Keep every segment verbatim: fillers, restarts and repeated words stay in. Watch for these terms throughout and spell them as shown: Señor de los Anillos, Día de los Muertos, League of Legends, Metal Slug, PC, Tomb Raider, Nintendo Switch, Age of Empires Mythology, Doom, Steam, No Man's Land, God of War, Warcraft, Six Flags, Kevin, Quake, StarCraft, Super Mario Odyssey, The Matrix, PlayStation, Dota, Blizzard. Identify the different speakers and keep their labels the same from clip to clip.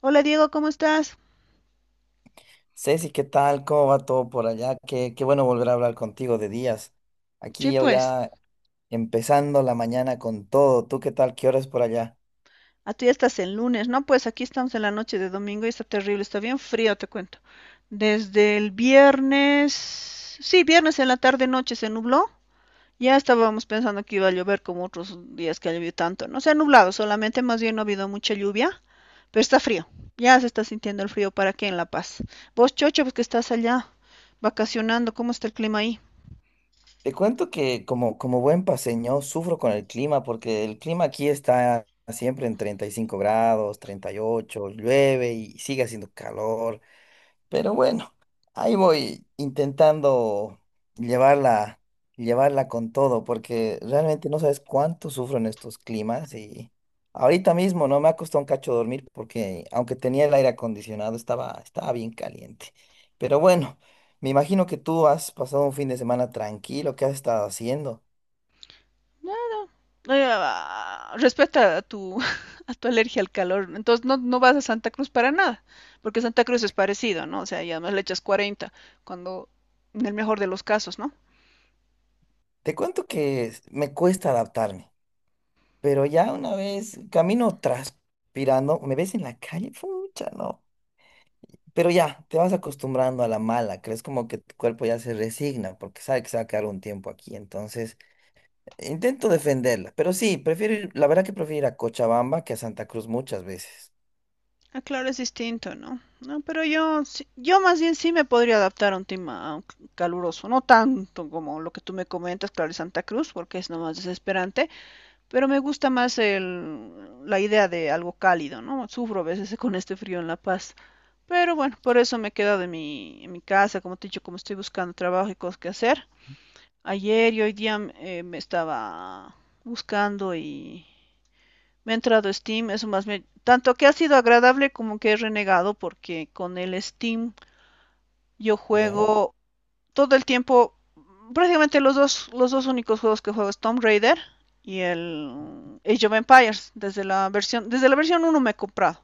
Speaker 1: Hola Diego, ¿cómo estás?
Speaker 2: Ceci, ¿qué tal? ¿Cómo va todo por allá? Qué, qué bueno volver a hablar contigo de días.
Speaker 1: Sí,
Speaker 2: Aquí yo
Speaker 1: pues,
Speaker 2: ya empezando la mañana con todo. ¿Tú qué tal? ¿Qué horas por allá?
Speaker 1: a ti ya estás en lunes, ¿no? Pues aquí estamos en la noche de domingo y está terrible, está bien frío, te cuento. Desde el viernes, sí, viernes en la tarde noche se nubló. Ya estábamos pensando que iba a llover como otros días que ha llovido tanto. No se ha nublado, solamente más bien no ha habido mucha lluvia, pero está frío. Ya se está sintiendo el frío para aquí en La Paz. Vos, Chocho, pues que estás allá vacacionando, ¿cómo está el clima ahí?
Speaker 2: Te cuento que como, como buen paseño sufro con el clima porque el clima aquí está siempre en treinta y cinco grados, treinta y ocho, llueve y sigue haciendo calor. Pero bueno, ahí voy intentando llevarla, llevarla con todo, porque realmente no sabes cuánto sufro en estos climas y ahorita mismo no me ha costado un cacho dormir porque aunque tenía el aire acondicionado estaba, estaba bien caliente. Pero bueno, me imagino que tú has pasado un fin de semana tranquilo, ¿qué has estado haciendo?
Speaker 1: Ah, respeta a tu, a tu alergia al calor. Entonces no, no vas a Santa Cruz para nada, porque Santa Cruz es parecido, ¿no? O sea, y además le echas cuarenta, cuando en el mejor de los casos, ¿no?
Speaker 2: Te cuento que s- me cuesta adaptarme, pero ya una vez camino transpirando, me ves en la calle, pucha, no. Pero ya, te vas acostumbrando a la mala, crees como que tu cuerpo ya se resigna porque sabe que se va a quedar un tiempo aquí. Entonces, intento defenderla, pero sí, prefiero ir- la verdad que prefiero ir a Cochabamba que a Santa Cruz muchas veces,
Speaker 1: Ah, claro, es distinto, ¿no? No, pero yo, sí- yo más bien sí me podría adaptar a un clima caluroso, no tanto como lo que tú me comentas, claro, en Santa Cruz, porque es nomás desesperante. Pero me gusta más el, la idea de algo cálido, ¿no? Sufro a veces con este frío en La Paz. Pero bueno, por eso me he quedado en mi, en mi casa, como te he dicho, como estoy buscando trabajo y cosas que hacer. Ayer y hoy día eh, me estaba buscando y me ha entrado Steam, eso más me... Tanto que ha sido agradable como que he renegado porque con el Steam yo
Speaker 2: ¿ya?
Speaker 1: juego todo el tiempo, prácticamente los dos, los dos únicos juegos que juego es Tomb Raider y el Age of Empires, desde la versión, desde la versión uno me he comprado,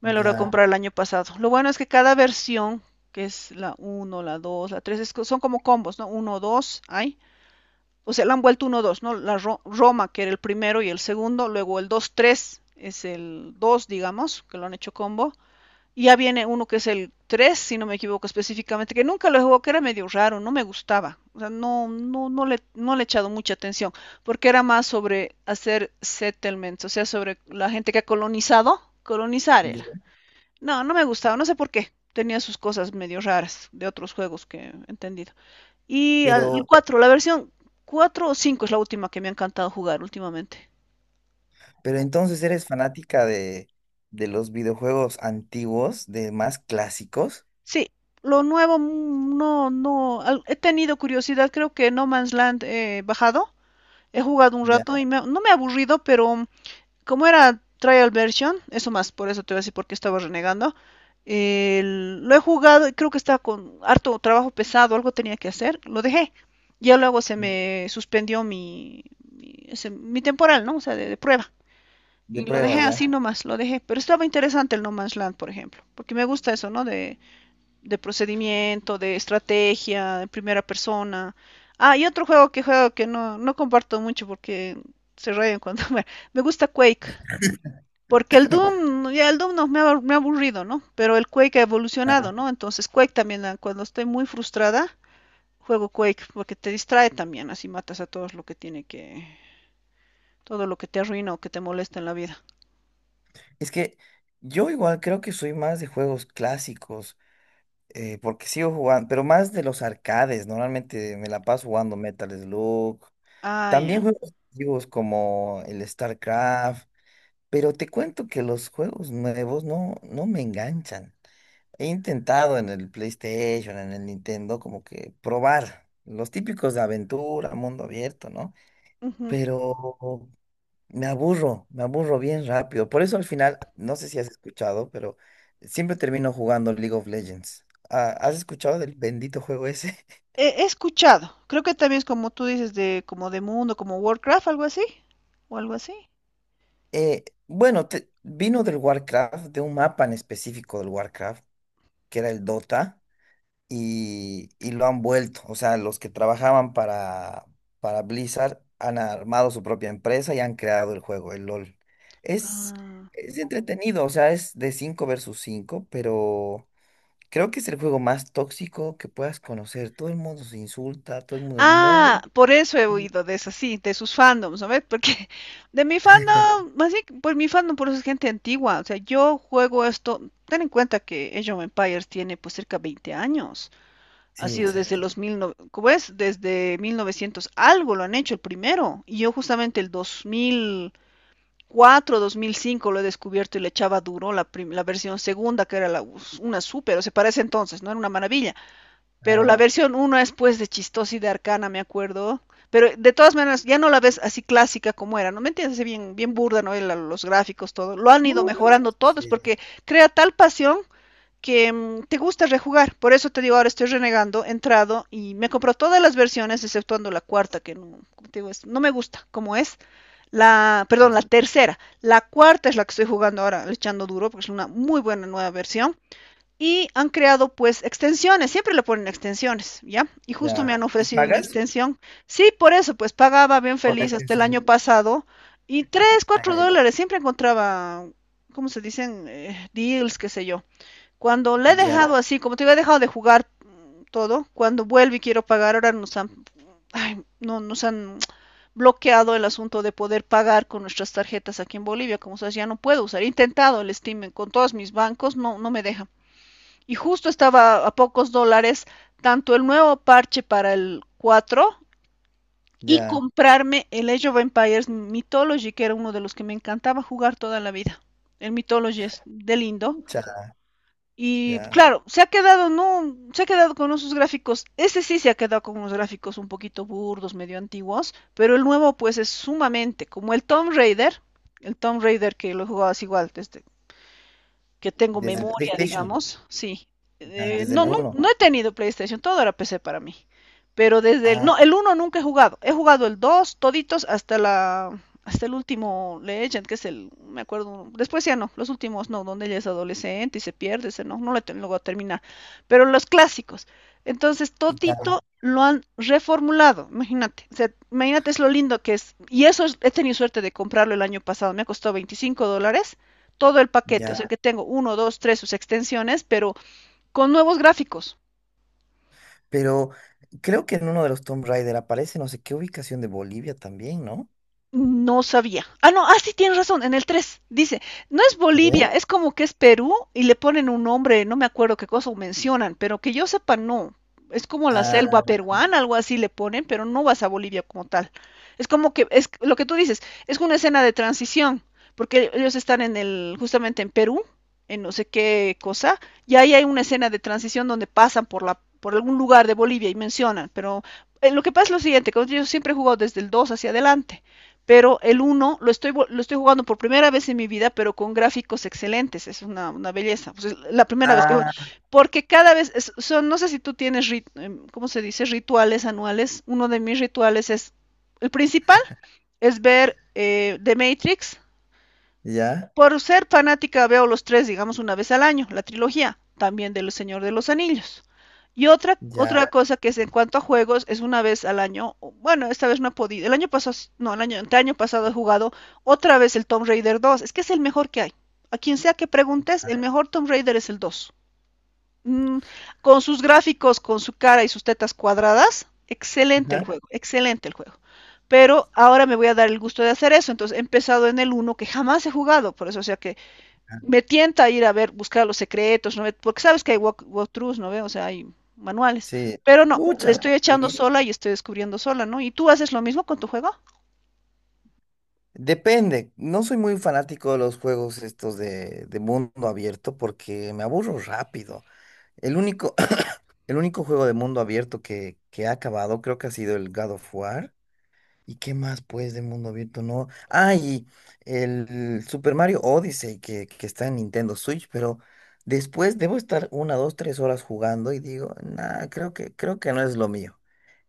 Speaker 1: me logré
Speaker 2: Ya,
Speaker 1: comprar el año pasado. Lo bueno es que cada versión, que es la uno, la dos, la tres, son como combos, ¿no? Uno dos, hay. O sea, la han vuelto uno dos, ¿no? La Ro Roma, que era el primero y el segundo, luego el dos tres es el dos, digamos, que lo han hecho combo, ya viene uno que es el tres si no me equivoco específicamente, que nunca lo jugó, que era medio raro, no me gustaba, o sea, no, no, no, le, no le he echado mucha atención, porque era más sobre hacer settlements, o sea, sobre la gente que ha colonizado, colonizar era.
Speaker 2: ya.
Speaker 1: No, no me gustaba, no sé por qué, tenía sus cosas medio raras de otros juegos que he entendido. Y al- el
Speaker 2: Pero,
Speaker 1: cuatro la versión cuatro o cinco es la última que me ha encantado jugar últimamente.
Speaker 2: pero entonces eres fanática de, de los videojuegos antiguos, de más clásicos,
Speaker 1: Sí, lo nuevo mm, no, no, al- he tenido curiosidad, creo que No Man's Land he bajado, he jugado un
Speaker 2: ya.
Speaker 1: rato y me- no me ha aburrido, pero como era trial version, eso más, por eso te voy a decir por qué estaba renegando, el- lo he jugado y creo que estaba con harto trabajo pesado, algo tenía que hacer, lo dejé. Ya luego se me suspendió mi, mi, ese- mi temporal, ¿no? O sea, de, de prueba.
Speaker 2: De
Speaker 1: Y lo
Speaker 2: prueba,
Speaker 1: dejé
Speaker 2: ¿ya?
Speaker 1: así nomás, lo dejé. Pero estaba interesante el No Man's Land, por ejemplo, porque me gusta eso, ¿no? De de procedimiento, de estrategia, de primera persona. Ah, y otro juego que juego que no, no comparto mucho porque se rayan cuando me, me gusta Quake. Porque el Doom, ya el Doom no, me, ha, me ha aburrido, ¿no? Pero el Quake ha evolucionado,
Speaker 2: Ya.
Speaker 1: ¿no? Entonces Quake también, ah, cuando estoy muy frustrada, juego Quake porque te distrae también, así matas a todos lo que tiene que, todo lo que te arruina o que te molesta en la vida.
Speaker 2: Es que yo igual creo que soy más de juegos clásicos, eh, porque sigo jugando, pero más de los arcades, normalmente me la paso jugando Metal Slug.
Speaker 1: Ah, ya.
Speaker 2: También juegos antiguos como el StarCraft, pero te cuento que los juegos nuevos no, no me enganchan. He intentado en el PlayStation, en el Nintendo, como que probar los típicos de aventura, mundo abierto, ¿no?
Speaker 1: Ujú.
Speaker 2: Pero me aburro, me aburro bien rápido. Por eso al final, no sé si has escuchado, pero siempre termino jugando League of Legends. Ah, ¿has escuchado del bendito juego ese?
Speaker 1: He, he escuchado, creo que también es como tú dices de como de mundo, como Warcraft, algo así, o algo así.
Speaker 2: Eh, bueno, te- vino del Warcraft, de un mapa en específico del Warcraft, que era el Dota, y, y lo han vuelto. O sea, los que trabajaban para, para Blizzard han armado su propia empresa y han creado el juego, el LOL. Es,
Speaker 1: Ah.
Speaker 2: es entretenido, o sea, es de cinco versus cinco pero... Creo que es el juego más tóxico que puedas conocer. Todo el mundo se insulta, todo el mundo es
Speaker 1: Ah,
Speaker 2: muy...
Speaker 1: por eso he oído de esas, sí, de sus fandoms, ¿no ves? Porque de mi fandom, así, que, pues mi fandom por eso es gente antigua, o sea, yo juego esto, ten en cuenta que Age of Empires tiene pues cerca veinte años, ha
Speaker 2: Sí,
Speaker 1: sido desde
Speaker 2: exacto.
Speaker 1: los mil, no- ¿cómo es? Desde mil novecientos algo lo han hecho el primero, y yo justamente el dos mil cuatro, dos mil cinco lo he descubierto y le echaba duro la, prim- la versión segunda, que era la, us- una super, o sea, para ese entonces, ¿no? Era una maravilla. Pero la
Speaker 2: Claro.
Speaker 1: versión uno es pues de chistosa y de arcana, me acuerdo. Pero de todas maneras, ya no la ves así clásica como era, ¿no? ¿Me entiendes? Bien, bien burda, ¿no? El- los gráficos, todo. Lo han ido
Speaker 2: Mm.
Speaker 1: mejorando todos
Speaker 2: Sí,
Speaker 1: porque crea tal pasión que mm, te gusta rejugar. Por eso te digo, ahora estoy renegando, he entrado y me compró todas las versiones, exceptuando la cuarta, que no, como te digo, es- no me gusta como es. La, perdón, la tercera. La cuarta es la que estoy jugando ahora, echando duro, porque es una muy buena nueva versión. Y han creado pues extensiones, siempre le ponen extensiones, ¿ya? Y justo me
Speaker 2: ya.
Speaker 1: han
Speaker 2: ¿Y
Speaker 1: ofrecido una
Speaker 2: pagas
Speaker 1: extensión. Sí, por eso, pues pagaba bien
Speaker 2: por la
Speaker 1: feliz hasta el
Speaker 2: extensión?
Speaker 1: año pasado y tres,
Speaker 2: Ah,
Speaker 1: cuatro
Speaker 2: ya.
Speaker 1: dólares, siempre encontraba, ¿cómo se dicen? Eh, deals, qué sé yo. Cuando le he
Speaker 2: Ya,
Speaker 1: dejado así, como te digo, he dejado de jugar mm, todo, cuando vuelvo y quiero pagar, ahora nos han, ay, no, nos han bloqueado el asunto de poder pagar con nuestras tarjetas aquí en Bolivia, como sabes, ya no puedo usar. He intentado el Steam con todos mis bancos, no, no me deja. Y justo estaba a pocos dólares tanto el nuevo parche para el cuatro y
Speaker 2: ya.
Speaker 1: comprarme el Age of Empires Mythology, que era uno de los que me encantaba jugar toda la vida. El Mythology es de lindo.
Speaker 2: Mucha,
Speaker 1: Y
Speaker 2: ya.
Speaker 1: claro, se ha quedado, no, se ha quedado con esos gráficos. Ese sí se ha quedado con unos gráficos un poquito burdos, medio antiguos, pero el nuevo pues es sumamente como el Tomb Raider, el Tomb Raider que lo jugabas igual este, que tengo
Speaker 2: Desde el
Speaker 1: memoria,
Speaker 2: PlayStation,
Speaker 1: digamos, sí.
Speaker 2: ya,
Speaker 1: Eh,
Speaker 2: desde
Speaker 1: no,
Speaker 2: el
Speaker 1: no,
Speaker 2: uno.
Speaker 1: no he tenido PlayStation, todo era P C para mí. Pero desde el,
Speaker 2: Ah,
Speaker 1: no, el uno nunca he jugado. He jugado el dos toditos, hasta la, hasta el último Legend, que es el, me acuerdo, después ya no, los últimos no, donde ella es adolescente y se pierde, ese no, no lo, lo voy a terminar. Pero los clásicos. Entonces,
Speaker 2: ya,
Speaker 1: todito lo han reformulado, imagínate. O sea, imagínate es lo lindo que es. Y eso es, he tenido suerte de comprarlo el año pasado, me costó veinticinco dólares todo el paquete, o
Speaker 2: ya.
Speaker 1: sea que tengo uno, dos, tres sus extensiones, pero con nuevos gráficos.
Speaker 2: Pero creo que en uno de los Tomb Raider aparece no sé qué ubicación de Bolivia también, ¿no?
Speaker 1: No sabía. Ah, no, ah, sí, tienes razón, en el tres dice, no es
Speaker 2: A ver.
Speaker 1: Bolivia, es como que es Perú y le ponen un nombre, no me acuerdo qué cosa mencionan, pero que yo sepa, no. Es como la selva
Speaker 2: Ah,
Speaker 1: peruana, algo así le ponen, pero no vas a Bolivia como tal. Es como que, es lo que tú dices, es una escena de transición, porque ellos están en el, justamente en Perú, en no sé qué cosa, y ahí hay una escena de transición donde pasan por la, por algún lugar de Bolivia y mencionan, pero eh, lo que pasa es lo siguiente, que yo siempre he jugado desde el dos hacia adelante pero el uno lo estoy, lo estoy jugando por primera vez en mi vida, pero con gráficos excelentes, es una, una belleza, pues es la primera vez que juego,
Speaker 2: ah,
Speaker 1: porque cada vez, es, son, no sé si tú tienes, rit, eh, ¿cómo se dice? Rituales anuales, uno de mis rituales es, el principal es ver eh, The Matrix,
Speaker 2: ya,
Speaker 1: por ser fanática veo los tres, digamos, una vez al año, la trilogía, también del Señor de los Anillos. Y otra,
Speaker 2: ya.
Speaker 1: otra cosa que es en cuanto a juegos, es una vez al año, o- bueno, esta vez no he podido, el año pasado, no, el año, el año pasado he jugado otra vez el Tomb Raider dos. Es que es el mejor que hay. A quien sea que preguntes, el mejor Tomb Raider es el dos. Mm, con sus gráficos, con su cara y sus tetas cuadradas, excelente el
Speaker 2: Ajá.
Speaker 1: juego, excelente el juego. Pero ahora me voy a dar el gusto de hacer eso, entonces he empezado en el uno que jamás he jugado, por eso o sea que me tienta a ir a ver, buscar los secretos, ¿no? Porque sabes que hay walk, walkthroughs, ¿no? ¿Ve? O sea, hay manuales.
Speaker 2: Sí,
Speaker 1: Pero no, le
Speaker 2: muchas.
Speaker 1: estoy echando sola y estoy descubriendo sola, ¿no? ¿Y tú haces lo mismo con tu juego?
Speaker 2: Depende, no soy muy fanático de los juegos estos de, de mundo abierto porque me aburro rápido. El único, el único juego de mundo abierto que, que ha acabado creo que ha sido el God of War. ¿Y qué más pues de mundo abierto? No. Ah, y el Super Mario Odyssey que, que está en Nintendo Switch, pero después debo estar una, dos, tres horas jugando y digo, nah, creo que, creo que no es lo mío,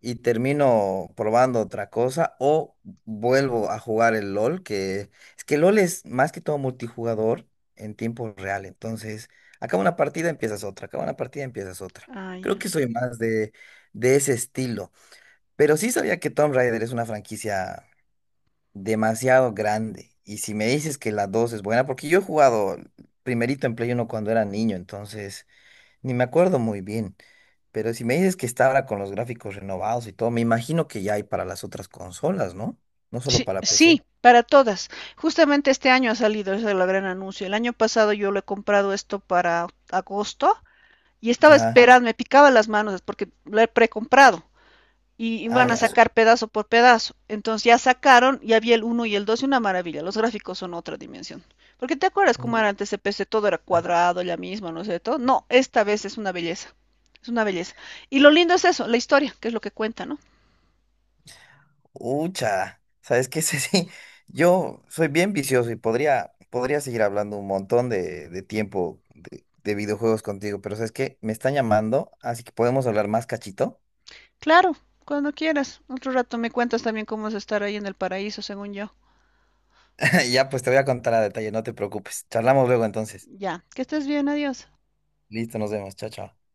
Speaker 2: y termino probando otra cosa o vuelvo a jugar el LOL, que es que LOL es más que todo multijugador en tiempo real, entonces acaba una partida, empiezas otra, acaba una partida, empiezas otra.
Speaker 1: Ah, ya.
Speaker 2: Creo que
Speaker 1: Yeah.
Speaker 2: soy más de, de ese estilo, pero sí sabía que Tomb Raider es una franquicia demasiado grande y si me dices que la dos es buena, porque yo he jugado primerito en Play uno cuando era niño, entonces... Ni me acuerdo muy bien, pero si me dices que está ahora con los gráficos renovados y todo, me imagino que ya hay para las otras consolas, ¿no? No solo
Speaker 1: Sí,
Speaker 2: para P C.
Speaker 1: sí, para todas. Justamente este año ha salido, ese es el gran anuncio. El año pasado yo lo he comprado esto para agosto y estaba
Speaker 2: Ya,
Speaker 1: esperando, me picaba las manos porque lo he precomprado, y
Speaker 2: ah,
Speaker 1: van a
Speaker 2: ya. Su-
Speaker 1: sacar pedazo por pedazo. Entonces ya sacaron, ya vi el uno y el dos y una maravilla. Los gráficos son otra dimensión. Porque te acuerdas cómo era antes el P C, todo era
Speaker 2: puta.
Speaker 1: cuadrado, ya mismo, no sé, todo. No, esta vez es una belleza. Es una belleza. Y lo lindo es eso, la historia, que es lo que cuenta, ¿no?
Speaker 2: Ucha, ¿sabes qué? Sí, sí, yo soy bien vicioso y podría, podría seguir hablando un montón de, de tiempo de, de videojuegos contigo, pero ¿sabes qué? Me están llamando, así que podemos hablar más cachito.
Speaker 1: Claro, cuando quieras. Otro rato me cuentas también cómo es estar ahí en el paraíso, según yo.
Speaker 2: Ya, pues te voy a contar a detalle, no te preocupes. Charlamos luego entonces.
Speaker 1: Ya, que estés bien, adiós.
Speaker 2: Listo, nos vemos. Chao, chao.